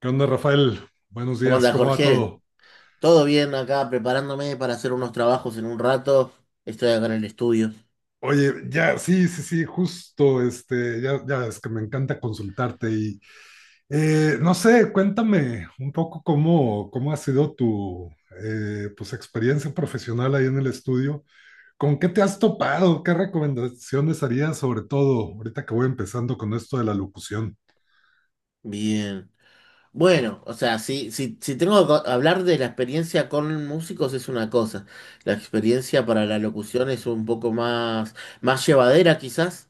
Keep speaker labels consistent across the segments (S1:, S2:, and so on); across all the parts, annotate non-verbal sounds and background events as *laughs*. S1: ¿Qué onda, Rafael? Buenos
S2: ¿Cómo
S1: días,
S2: andas,
S1: ¿cómo va
S2: Jorge?
S1: todo?
S2: Todo bien acá, preparándome para hacer unos trabajos en un rato. Estoy acá en el estudio.
S1: Oye, ya, sí, sí, sí, justo, ya, ya es que me encanta consultarte y, no sé, cuéntame un poco cómo ha sido tu, experiencia profesional ahí en el estudio. ¿Con qué te has topado? ¿Qué recomendaciones harías sobre todo ahorita que voy empezando con esto de la locución?
S2: Bien. Bueno, o sea, si tengo que hablar de la experiencia con músicos es una cosa. La experiencia para la locución es un poco más llevadera quizás.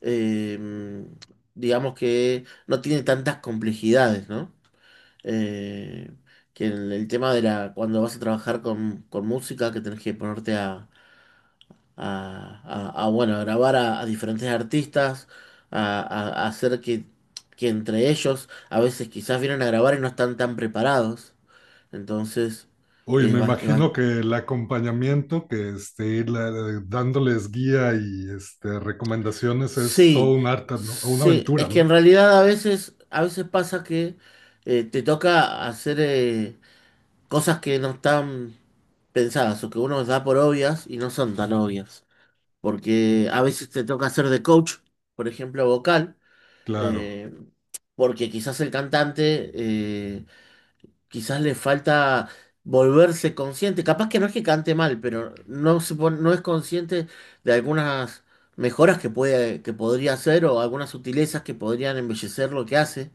S2: Eh, digamos que no tiene tantas complejidades, ¿no? Eh, que el tema de la, cuando vas a trabajar con música, que tenés que ponerte a, bueno, a grabar a diferentes artistas, a hacer que entre ellos a veces quizás vienen a grabar y no están tan preparados. Entonces,
S1: Uy,
S2: eh,
S1: me
S2: va- eh, va-
S1: imagino que el acompañamiento, que dándoles guía y recomendaciones es todo
S2: sí,
S1: un arte, ¿no? Una
S2: sí,
S1: aventura,
S2: es que en
S1: ¿no?
S2: realidad a veces pasa que te toca hacer cosas que no están pensadas o que uno da por obvias y no son tan obvias. Porque a veces te toca hacer de coach, por ejemplo, vocal.
S1: Claro,
S2: eh, Porque quizás el cantante, quizás le falta volverse consciente. Capaz que no es que cante mal, pero no es consciente de algunas mejoras que puede, que podría hacer o algunas sutilezas que podrían embellecer lo que hace.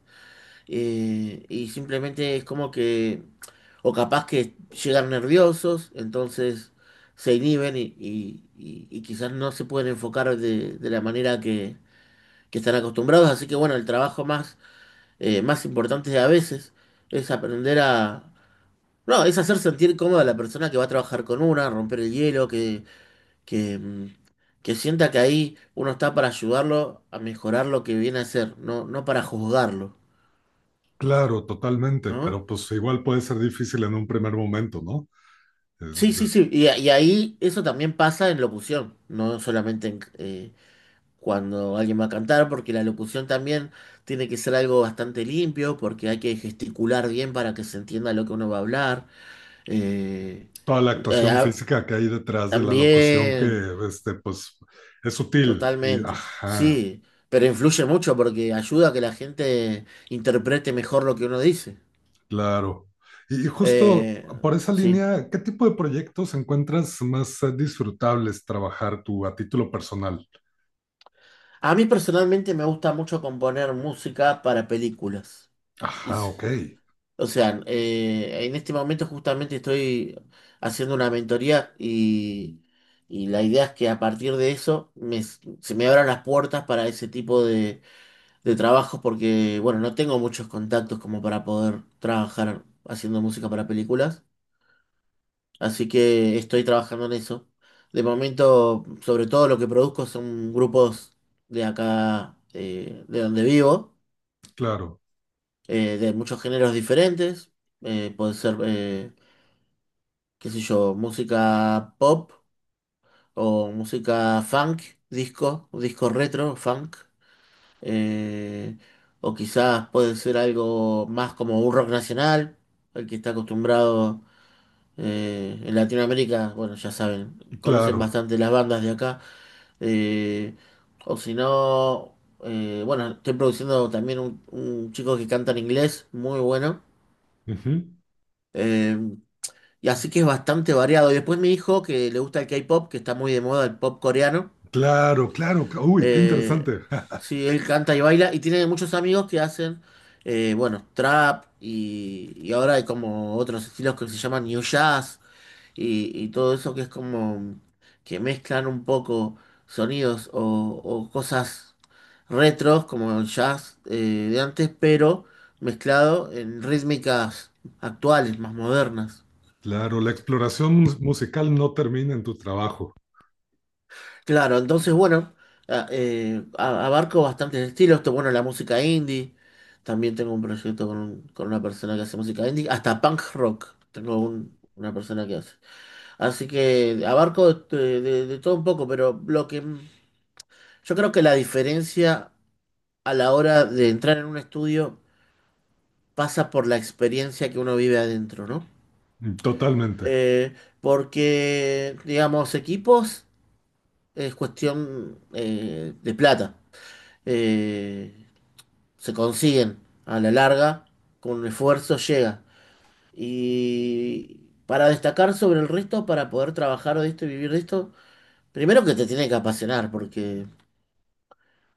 S2: Y simplemente es como que, o capaz que llegan nerviosos, entonces se inhiben y quizás no se pueden enfocar de la manera que están acostumbrados. Así que bueno, el trabajo más importantes a veces, es aprender a... No, es hacer sentir cómoda a la persona que va a trabajar con una, romper el hielo, que, mm, que sienta que ahí uno está para ayudarlo a mejorar lo que viene a hacer, no, no para juzgarlo,
S1: claro, totalmente,
S2: ¿no?
S1: pero pues igual puede ser difícil en un primer momento, ¿no? Es,
S2: Sí, sí, sí, y ahí eso también pasa en locución, no solamente en, cuando alguien va a cantar, porque la locución también tiene que ser algo bastante limpio, porque hay que gesticular bien para que se entienda lo que uno va a hablar. Eh,
S1: toda la
S2: eh,
S1: actuación
S2: ah,
S1: física que hay detrás de la locución que,
S2: también,
S1: este, pues, es sutil. Y,
S2: totalmente.
S1: ajá,
S2: Sí, pero influye mucho porque ayuda a que la gente interprete mejor lo que uno dice.
S1: claro. Y justo
S2: Eh,
S1: por esa
S2: sí.
S1: línea, ¿qué tipo de proyectos encuentras más disfrutables trabajar tú a título personal?
S2: A mí personalmente me gusta mucho componer música para películas. Y
S1: Ajá,
S2: sí.
S1: ok.
S2: O sea, en este momento justamente estoy haciendo una mentoría y la idea es que a partir de eso se me abran las puertas para ese tipo de trabajo porque, bueno, no tengo muchos contactos como para poder trabajar haciendo música para películas, así que estoy trabajando en eso. De momento, sobre todo lo que produzco son grupos de acá, de donde vivo,
S1: Claro,
S2: de muchos géneros diferentes. Puede ser, qué sé yo, música pop o música funk, disco, disco retro, funk. eh, o quizás puede ser algo más como un rock nacional, el que está acostumbrado en Latinoamérica, bueno, ya saben, conocen
S1: claro.
S2: bastante las bandas de acá, eh, o si no, bueno, estoy produciendo también un chico que canta en inglés, muy bueno.
S1: Ujú.
S2: eh, y así que es bastante variado. Y después mi hijo, que le gusta el K-pop, que está muy de moda el pop coreano.
S1: Claro, claro. Uy, qué
S2: Eh,
S1: interesante. *laughs*
S2: sí, él canta y baila y tiene muchos amigos que hacen, bueno, trap y ahora hay como otros estilos que se llaman new jazz y todo eso que es como que mezclan un poco sonidos o cosas retros como el jazz de antes, pero mezclado en rítmicas actuales, más modernas.
S1: Claro, la exploración musical no termina en tu trabajo.
S2: Claro, entonces bueno, abarco bastantes estilos. Esto, bueno, la música indie. También tengo un proyecto con una persona que hace música indie. Hasta punk rock tengo una persona que hace. Así que abarco de todo un poco, pero yo creo que la diferencia a la hora de entrar en un estudio pasa por la experiencia que uno vive adentro, ¿no?
S1: Mm, totalmente.
S2: Eh, Porque, digamos, equipos es cuestión de plata. Eh, Se consiguen a la larga, con esfuerzo llega. Y para destacar sobre el resto, para poder trabajar de esto y vivir de esto, primero que te tiene que apasionar, porque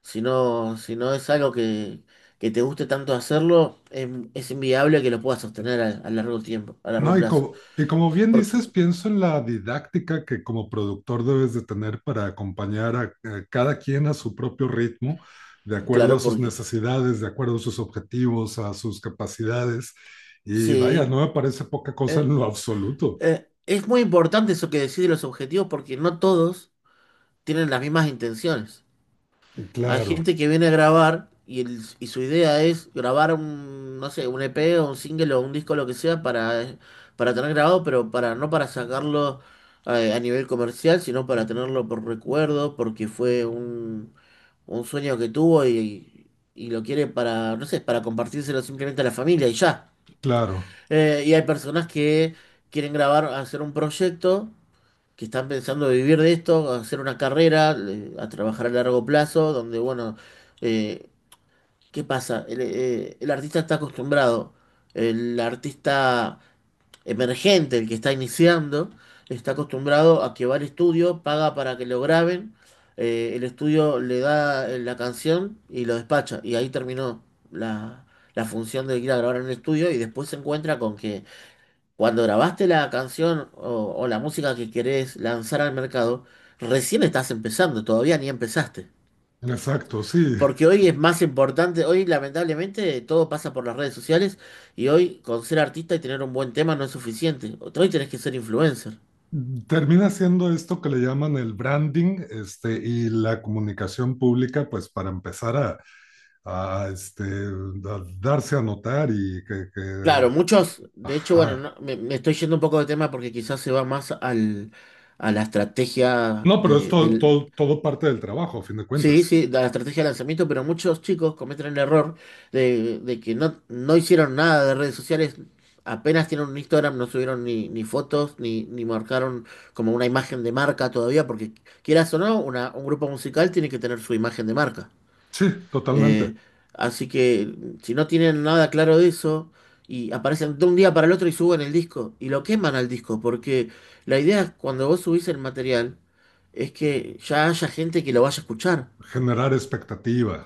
S2: si no, si no es algo que te guste tanto hacerlo, es inviable que lo puedas sostener a largo tiempo, a largo
S1: No,
S2: plazo.
S1: y como bien
S2: Porque,
S1: dices, pienso en la didáctica que como productor debes de tener para acompañar a cada quien a su propio ritmo, de acuerdo a
S2: claro,
S1: sus
S2: porque
S1: necesidades, de acuerdo a sus objetivos, a sus capacidades. Y vaya,
S2: sí,
S1: no me parece poca cosa en
S2: eh,
S1: lo absoluto.
S2: es muy importante eso que decís de los objetivos, porque no todos tienen las mismas intenciones. Hay
S1: Claro,
S2: gente que viene a grabar y su idea es grabar un, no sé, un EP o un single o un disco, lo que sea, para tener grabado, pero para, no para sacarlo a nivel comercial, sino para tenerlo por recuerdo, porque fue un sueño que tuvo y lo quiere para, no sé, para compartírselo simplemente a la familia y ya.
S1: claro.
S2: Y hay personas que quieren grabar, hacer un proyecto que están pensando vivir de esto, hacer una carrera, a trabajar a largo plazo, donde, bueno, eh, ¿qué pasa? El artista está acostumbrado, el artista emergente, el que está iniciando, está acostumbrado a que va al estudio, paga para que lo graben, el estudio le da la canción y lo despacha, y ahí terminó la... la función de ir a grabar en el estudio y después se encuentra con que cuando grabaste la canción o la música que querés lanzar al mercado, recién estás empezando, todavía ni empezaste.
S1: Exacto, sí.
S2: Porque hoy es más importante, hoy lamentablemente todo pasa por las redes sociales y hoy con ser artista y tener un buen tema no es suficiente. Hoy tenés que ser influencer.
S1: Termina siendo esto que le llaman el branding, y la comunicación pública, pues para empezar a, a darse a notar y que-
S2: Claro, muchos, de hecho, bueno,
S1: ajá.
S2: me, me estoy yendo un poco de tema porque quizás se va más a la estrategia
S1: No, pero es
S2: de,
S1: todo,
S2: del-
S1: todo, todo parte del trabajo, a fin de
S2: Sí,
S1: cuentas.
S2: sí, la estrategia de lanzamiento, pero muchos chicos cometen el error de que no, no hicieron nada de redes sociales, apenas tienen un Instagram, no subieron ni fotos, ni marcaron como una imagen de marca todavía, porque quieras o no, un grupo musical tiene que tener su imagen de marca.
S1: Sí, totalmente.
S2: Eh, Así que si no tienen nada claro de eso, y aparecen de un día para el otro y suben el disco, y lo queman al disco, porque la idea es cuando vos subís el material, es que ya haya gente que lo vaya a escuchar.
S1: Generar expectativa,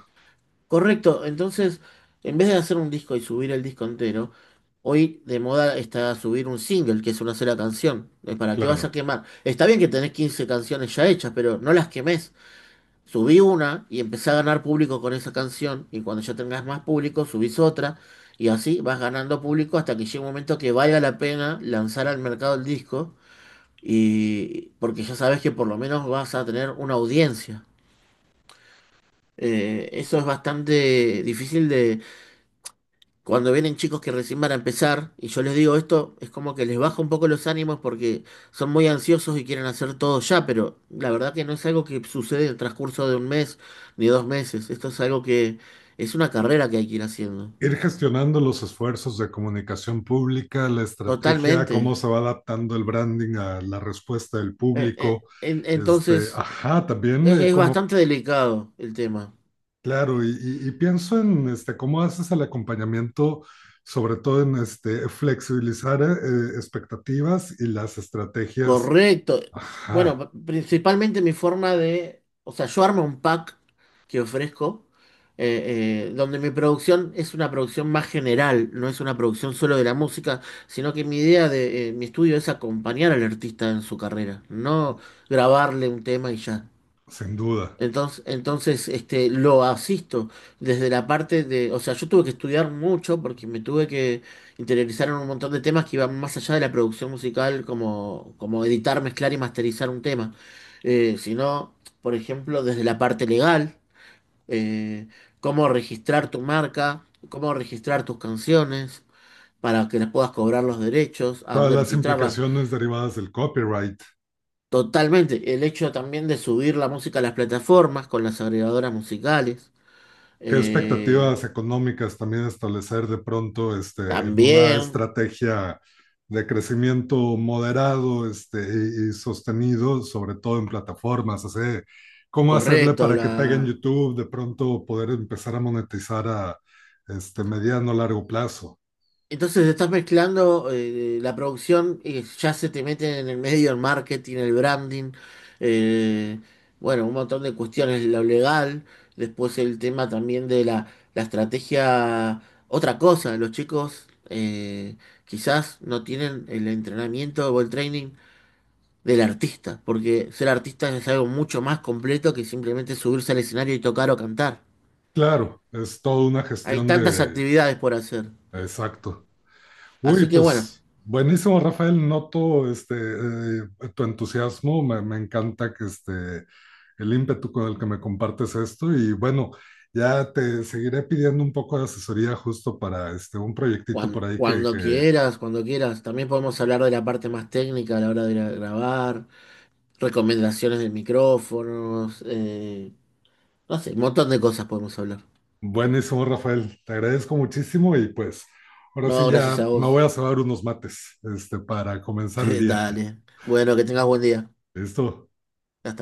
S2: Correcto, entonces en vez de hacer un disco y subir el disco entero, hoy de moda está subir un single, que es una sola canción. ¿Para qué vas a
S1: claro.
S2: quemar? Está bien que tenés 15 canciones ya hechas, pero no las quemés. Subí una y empecé a ganar público con esa canción, y cuando ya tengas más público, subís otra, y así vas ganando público hasta que llegue un momento que valga la pena lanzar al mercado el disco, y porque ya sabes que por lo menos vas a tener una audiencia. Eso es bastante difícil. Cuando vienen chicos que recién van a empezar y yo les digo esto, es como que les baja un poco los ánimos porque son muy ansiosos y quieren hacer todo ya, pero la verdad que no es algo que sucede en el transcurso de un mes ni dos meses. Esto es algo que es una carrera que hay que ir haciendo.
S1: Ir gestionando los esfuerzos de comunicación pública, la estrategia,
S2: Totalmente.
S1: cómo se va adaptando el branding a la respuesta del público.
S2: Entonces,
S1: Ajá, también
S2: es, es
S1: como,
S2: bastante delicado el tema.
S1: claro, y pienso en cómo haces el acompañamiento, sobre todo en flexibilizar expectativas y las estrategias,
S2: Correcto.
S1: ajá,
S2: Bueno, principalmente mi forma de, o sea, yo armo un pack que ofrezco, donde mi producción es una producción más general, no es una producción solo de la música, sino que mi idea de mi estudio es acompañar al artista en su carrera, no grabarle un tema y ya.
S1: sin duda.
S2: Entonces, este, lo asisto desde la parte de, o sea, yo tuve que estudiar mucho porque me tuve que interiorizar en un montón de temas que iban más allá de la producción musical, como editar, mezclar y masterizar un tema. Sino, por ejemplo, desde la parte legal, eh, cómo registrar tu marca, cómo registrar tus canciones para que las puedas cobrar los derechos, a
S1: Todas
S2: dónde
S1: las
S2: registrarlas.
S1: implicaciones derivadas del copyright.
S2: Totalmente, el hecho también de subir la música a las plataformas con las agregadoras musicales.
S1: ¿Qué
S2: Eh,
S1: expectativas económicas también establecer de pronto en una
S2: También,
S1: estrategia de crecimiento moderado y sostenido, sobre todo en plataformas? O sea, ¿cómo hacerle
S2: correcto.
S1: para que pegue en YouTube, de pronto poder empezar a monetizar a mediano o largo plazo?
S2: Entonces estás mezclando la producción y ya se te mete en el medio el marketing, el branding, eh, bueno, un montón de cuestiones, lo legal, después el tema también la estrategia, otra cosa, los chicos quizás no tienen el entrenamiento o el training del artista, porque ser artista es algo mucho más completo que simplemente subirse al escenario y tocar o cantar.
S1: Claro, es toda una
S2: Hay
S1: gestión
S2: tantas
S1: de...
S2: actividades por hacer.
S1: Exacto. Uy,
S2: Así que bueno,
S1: pues buenísimo, Rafael. Noto tu entusiasmo. Me encanta que el ímpetu con el que me compartes esto. Y bueno, ya te seguiré pidiendo un poco de asesoría justo para un proyectito por ahí que...
S2: cuando quieras, también podemos hablar de la parte más técnica a la hora de ir a grabar, recomendaciones de micrófonos, no sé, un montón de cosas podemos hablar.
S1: Buenísimo, Rafael. Te agradezco muchísimo y pues ahora sí
S2: No, gracias
S1: ya
S2: a
S1: me voy
S2: vos.
S1: a cebar unos mates para comenzar el
S2: *laughs*
S1: día.
S2: Dale. Bueno, que tengas buen día.
S1: *laughs* Listo.